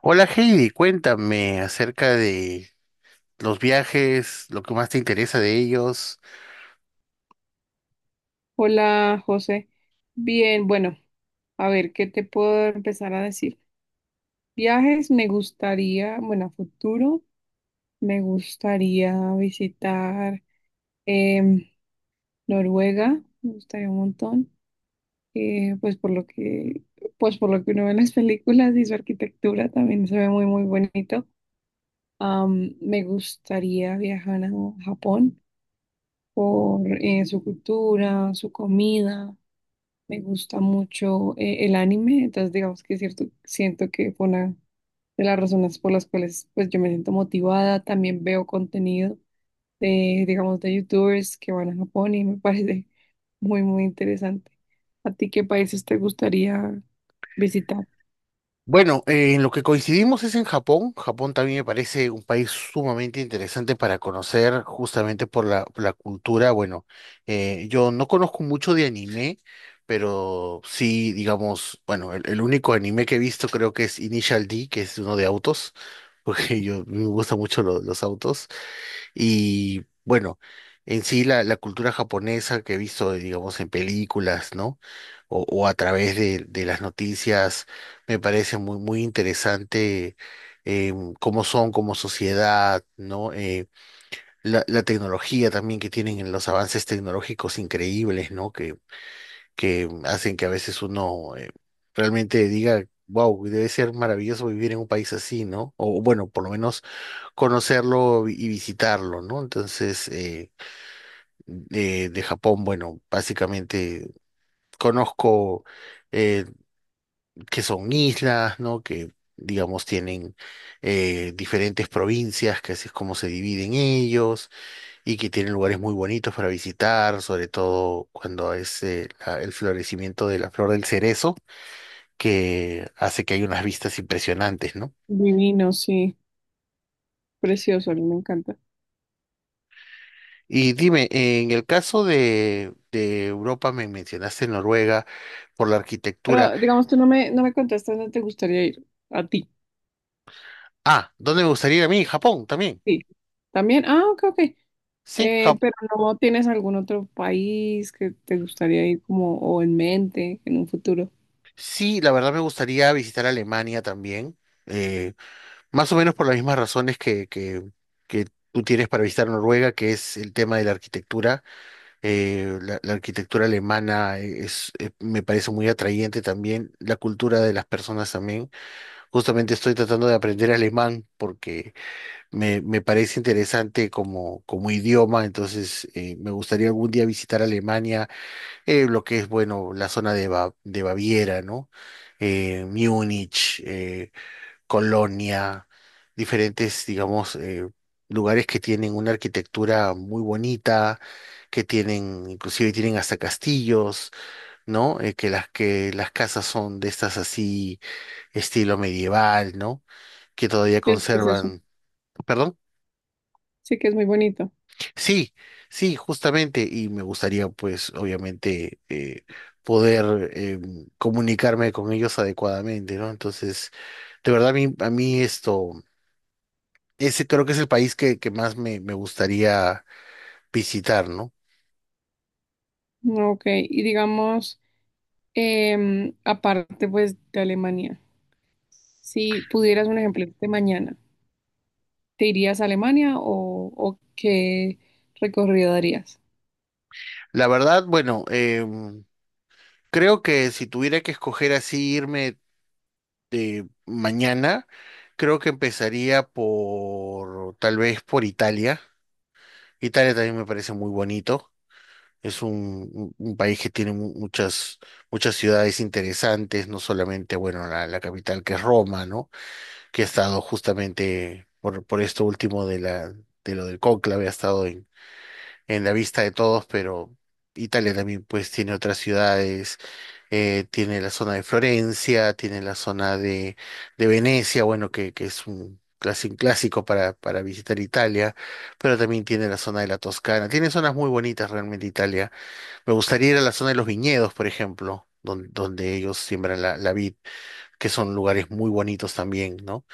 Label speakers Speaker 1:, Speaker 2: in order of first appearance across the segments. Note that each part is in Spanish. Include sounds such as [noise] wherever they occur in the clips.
Speaker 1: Hola Heidi, cuéntame acerca de los viajes, lo que más te interesa de ellos.
Speaker 2: Hola, José. Bien, bueno, a ver, ¿qué te puedo empezar a decir? Viajes, me gustaría, bueno, a futuro, me gustaría visitar em, Noruega, me gustaría un montón, eh, pues por lo que, pues por lo que uno ve en las películas y su arquitectura también se ve muy, muy bonito. Me gustaría viajar a Japón por su cultura, su comida. Me gusta mucho el anime, entonces digamos que cierto, siento que fue una de las razones por las cuales pues yo me siento motivada. También veo contenido de, digamos, de youtubers que van a Japón y me [laughs] parece muy, muy interesante. ¿A ti qué países te gustaría visitar?
Speaker 1: Bueno, en lo que coincidimos es en Japón. Japón también me parece un país sumamente interesante para conocer justamente por por la cultura. Bueno, yo no conozco mucho de anime, pero sí, digamos, bueno, el único anime que he visto creo que es Initial D, que es uno de autos, [laughs] porque yo me gustan mucho los autos. Y bueno, en sí la cultura japonesa que he visto, digamos, en películas, ¿no? O a través de las noticias, me parece muy, muy interesante eh, cómo son como sociedad, ¿no? La tecnología también que tienen, en los avances tecnológicos increíbles, ¿no? Que hacen que a veces uno realmente diga, wow, debe ser maravilloso vivir en un país así, ¿no? O bueno, por lo menos conocerlo y visitarlo, ¿no? Entonces, de Japón, bueno, básicamente conozco eh, que son islas, ¿no? Que, digamos, tienen diferentes provincias, que así es como se dividen ellos, y que tienen lugares muy bonitos para visitar, sobre todo cuando es el florecimiento de la flor del cerezo, que hace que hay unas vistas impresionantes, ¿no?
Speaker 2: Divino, sí, precioso, a mí me encanta.
Speaker 1: Y dime, en el caso de Europa me mencionaste Noruega por la arquitectura.
Speaker 2: Pero digamos, tú no me, no me contestas dónde te gustaría ir. A ti,
Speaker 1: Ah, ¿dónde me gustaría ir a mí? Japón también.
Speaker 2: sí. También, ah, ok, ok.
Speaker 1: Sí,
Speaker 2: Pero no tienes algún otro país que te gustaría ir como o en mente en un futuro.
Speaker 1: Sí, la verdad me gustaría visitar Alemania también. Eh, más o menos por las mismas razones que tú tienes para visitar Noruega, que es el tema de la arquitectura. Eh, la arquitectura alemana es, me parece muy atrayente también, la cultura de las personas también. Justamente estoy tratando de aprender alemán porque me parece interesante como, como idioma, entonces me gustaría algún día visitar Alemania, lo que es, bueno, la zona de, de Baviera, ¿no? Múnich, Colonia, diferentes, digamos, lugares que tienen una arquitectura muy bonita, que tienen, inclusive tienen hasta castillos, ¿no? Que las casas son de estas así, estilo medieval, ¿no? Que todavía
Speaker 2: Es precioso.
Speaker 1: conservan. ¿Perdón?
Speaker 2: Sí que es muy bonito.
Speaker 1: Sí, sí, justamente, y me gustaría, pues, obviamente, poder comunicarme con ellos adecuadamente, ¿no? Entonces, de verdad, a mí esto, ese creo que es el país que más me gustaría visitar, ¿no?
Speaker 2: Ok, y digamos, aparte pues de Alemania, si pudieras un ejemplo de mañana, ¿te irías a Alemania o qué recorrido darías?
Speaker 1: La verdad, bueno, creo que si tuviera que escoger así irme de mañana, creo que empezaría por, tal vez por Italia. Italia también me parece muy bonito. Es un, un país que tiene muchas, muchas ciudades interesantes, no solamente, bueno, la capital que es Roma, ¿no? Que ha estado justamente por esto último de la, de lo del cónclave, ha estado en la vista de todos, pero Italia también pues tiene otras ciudades, tiene la zona de Florencia, tiene la zona de Venecia, bueno, que es un clásico para visitar Italia, pero también tiene la zona de la Toscana, tiene zonas muy bonitas realmente. Italia me gustaría ir a la zona de los viñedos, por ejemplo, donde, donde ellos siembran la vid, que son lugares muy bonitos también, ¿no?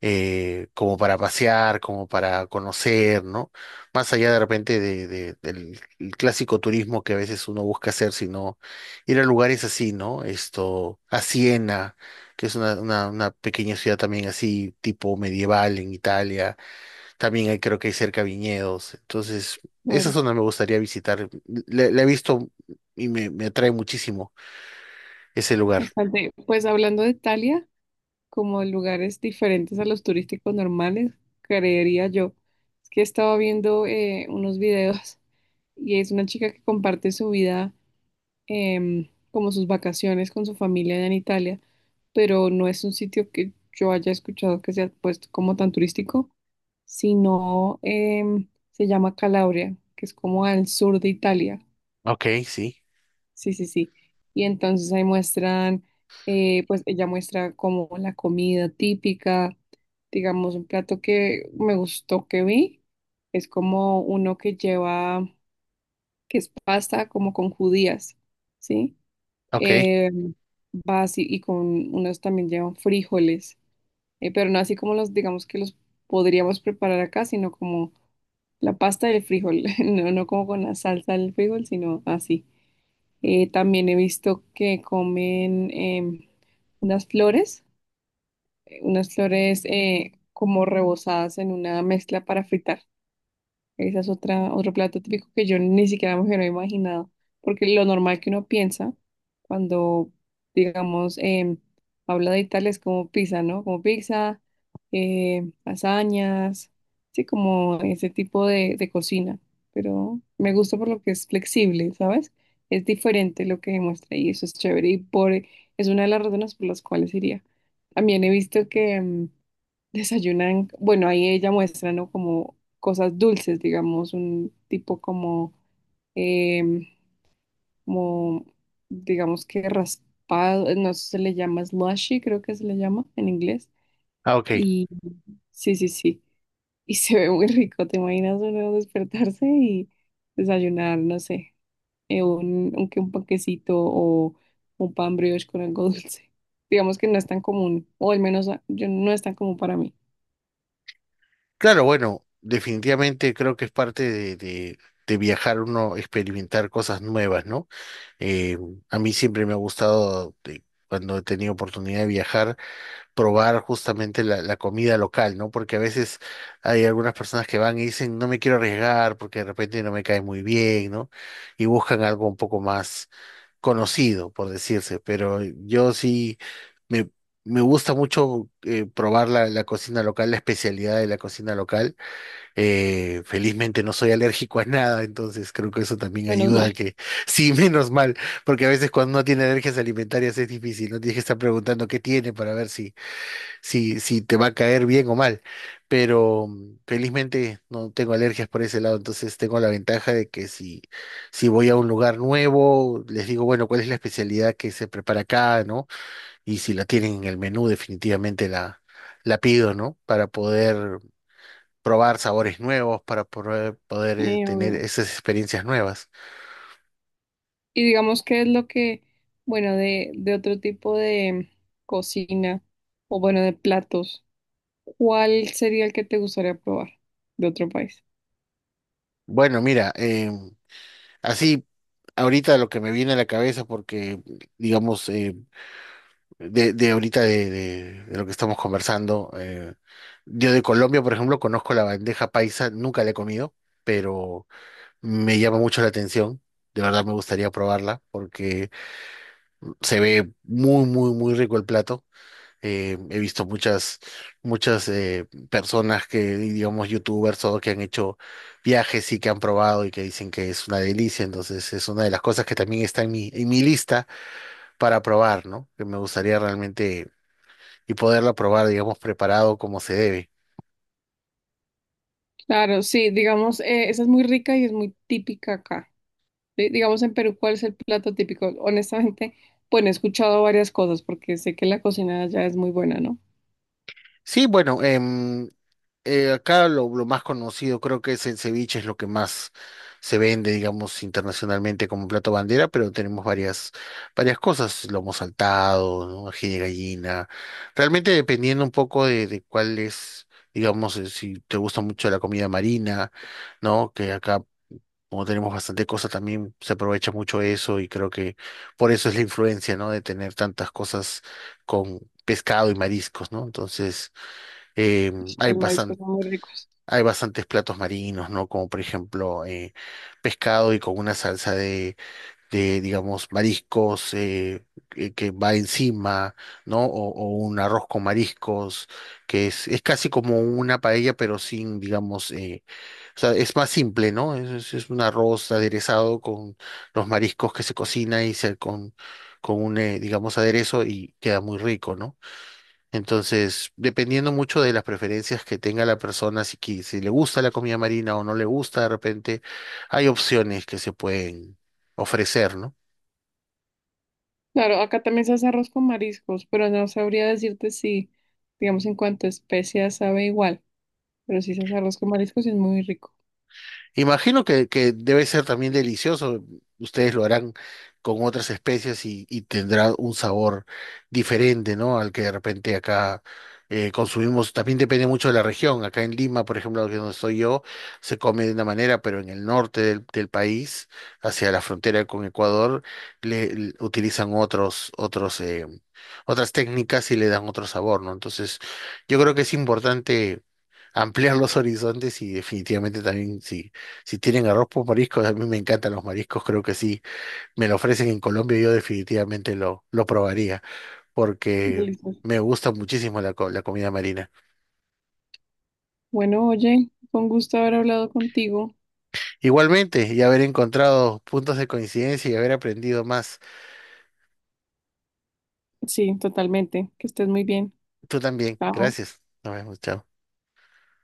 Speaker 1: Como para pasear, como para conocer, ¿no? Más allá de repente de, del el clásico turismo que a veces uno busca hacer, sino ir a lugares así, ¿no? Esto, a Siena, que es una pequeña ciudad también así, tipo medieval en Italia también creo que hay cerca viñedos. Entonces, esa
Speaker 2: Claro.
Speaker 1: zona me gustaría visitar. La he visto y me atrae muchísimo ese lugar.
Speaker 2: Bastante. Pues hablando de Italia, como lugares diferentes a los turísticos normales, creería yo. Es que estaba viendo unos videos [laughs] y es una chica que comparte su vida, como sus vacaciones con su familia allá en Italia, pero no es un sitio que yo haya escuchado que sea puesto como tan turístico, sino se llama Calabria, que es como al sur de Italia.
Speaker 1: Ok, sí.
Speaker 2: Sí, sí, sí. Y entonces ahí muestran, pues ella muestra como la comida típica, digamos, un plato que me gustó que vi, es como uno que lleva, que es pasta como con judías, ¿sí?
Speaker 1: Ok.
Speaker 2: Eh, va así y con unos también llevan frijoles, pero no así como los, digamos que los podríamos preparar acá, sino como la pasta del frijol, [laughs] no, no como con la salsa del frijol, sino así. También he visto que comen unas flores, unas flores como rebozadas en una mezcla para fritar. Esa es otra, otro plato típico que yo ni siquiera me hubiera imaginado, porque lo normal que uno piensa cuando, digamos, habla de Italia es como pizza, ¿no? Como pizza, lasañas, sí, como ese tipo de cocina, pero me gusta por lo que es flexible, ¿sabes? Es diferente lo que demuestra y eso es chévere y por, es una de las razones por las cuales iría. También he visto que desayunan, bueno, ahí ella muestra, ¿no? Como cosas dulces, digamos, un tipo como, em, como digamos que raspado, no sé, se le llama slushy, creo que se le llama en inglés.
Speaker 1: Ah, ok.
Speaker 2: Y sí, sí, sí. [laughs] Y se ve muy rico, ¿te imaginas uno despertarse y desayunar, no sé, que un panquecito o un pan brioche con algo [laughs] dulce? Digamos que no es tan común, o al menos ah, yo no es tan común para mí.
Speaker 1: Claro, bueno, definitivamente creo que es parte de de viajar uno, experimentar cosas nuevas, ¿no? Eh, a mí siempre me ha gustado, cuando he tenido oportunidad de viajar, probar justamente la comida local, ¿no? Porque a veces hay algunas personas que van y dicen, no me quiero arriesgar porque de repente no me cae muy bien, ¿no? Y buscan algo un poco más conocido, por decirse, pero yo sí me... Me gusta mucho probar la cocina local, la especialidad de la cocina local. Felizmente no soy alérgico a nada, entonces creo que eso también
Speaker 2: Menos
Speaker 1: ayuda a
Speaker 2: mal.
Speaker 1: que,
Speaker 2: [laughs]
Speaker 1: [laughs] sí, menos mal, porque a veces cuando uno tiene alergias alimentarias es difícil, no tienes que estar preguntando qué tiene para ver si, si te va a caer bien o mal. Pero felizmente no tengo alergias por ese lado, entonces tengo la ventaja de que si, si voy a un lugar nuevo, les digo, bueno, ¿cuál es la especialidad que se prepara acá, ¿no? Y si la tienen en el menú, definitivamente la pido, ¿no? Para poder probar sabores nuevos, para poder, poder tener
Speaker 2: Obvio.
Speaker 1: esas experiencias nuevas.
Speaker 2: Y digamos que es lo que, bueno, de otro tipo de cocina o bueno, de platos, ¿cuál sería el que te gustaría probar de otro país?
Speaker 1: Bueno, mira, así ahorita lo que me viene a la cabeza, porque digamos, de ahorita de, de lo que estamos conversando. Eh, yo de Colombia, por ejemplo, conozco la bandeja paisa, nunca la he comido, pero me llama mucho la atención. De verdad me gustaría probarla porque se ve muy, muy, muy rico el plato. He visto muchas, muchas personas que, digamos, youtubers o que han hecho viajes y que han probado y que dicen que es una delicia. Entonces es una de las cosas que también está en mi lista para probar, ¿no? Que me gustaría realmente y poderla probar, digamos, preparado como se debe.
Speaker 2: Claro, sí, digamos, esa es muy rica y es muy típica acá. Di- digamos en Perú, ¿cuál es el plato típico? Honestamente, bueno, he escuchado varias cosas porque sé que la cocina allá es muy buena, ¿no?
Speaker 1: Sí, bueno, acá lo más conocido creo que es el ceviche, es lo que más se vende, digamos, internacionalmente como plato bandera, pero tenemos varias, varias cosas, lomo saltado, ¿no? Ají de gallina, realmente dependiendo un poco de cuál es, digamos, si te gusta mucho la comida marina, ¿no? Que acá como tenemos bastante cosas, también se aprovecha mucho eso y creo que por eso es la influencia, ¿no? De tener tantas cosas con pescado y mariscos, ¿no? Entonces, eh, hay
Speaker 2: Los mariscos
Speaker 1: bastan-
Speaker 2: son muy ricos.
Speaker 1: hay bastantes platos marinos, ¿no? Como por ejemplo, pescado y con una salsa de digamos, mariscos que va encima, ¿no? O un arroz con mariscos, que es casi como una paella, pero sin, digamos, o sea, es más simple, ¿no? Es, es un arroz aderezado con los mariscos que se cocina y se con un, digamos, aderezo y queda muy rico, ¿no? Entonces, dependiendo mucho de las preferencias que tenga la persona, si, si le gusta la comida marina o no le gusta, de repente, hay opciones que se pueden ofrecer, ¿no?
Speaker 2: Claro, acá también se hace arroz con mariscos, pero no sabría decirte si, digamos, en cuanto a especias sabe igual. Pero sí, ese arroz con mariscos es muy rico.
Speaker 1: Imagino que debe ser también delicioso. Ustedes lo harán con otras especies y tendrá un sabor diferente, ¿no? Al que de repente acá consumimos. También depende mucho de la región. Acá en Lima, por ejemplo, que es donde estoy yo, se come de una manera, pero en el norte del, del país, hacia la frontera con Ecuador, le utilizan otros, otras técnicas y le dan otro sabor, ¿no? Entonces, yo creo que es importante ampliar los [laughs] horizontes y definitivamente también sí si tienen arroz por mariscos, a mí me encantan los mariscos, creo que sí. Me lo ofrecen en Colombia, yo definitivamente lo probaría, porque
Speaker 2: Delicioso.
Speaker 1: me gusta muchísimo la comida marina.
Speaker 2: Bueno, oye, fue un gusto haber hablado contigo.
Speaker 1: Igualmente, y haber encontrado puntos de coincidencia y haber aprendido más.
Speaker 2: Sí, totalmente. Que estés muy bien.
Speaker 1: Tú también,
Speaker 2: Chao.
Speaker 1: gracias. Nos vemos, chao.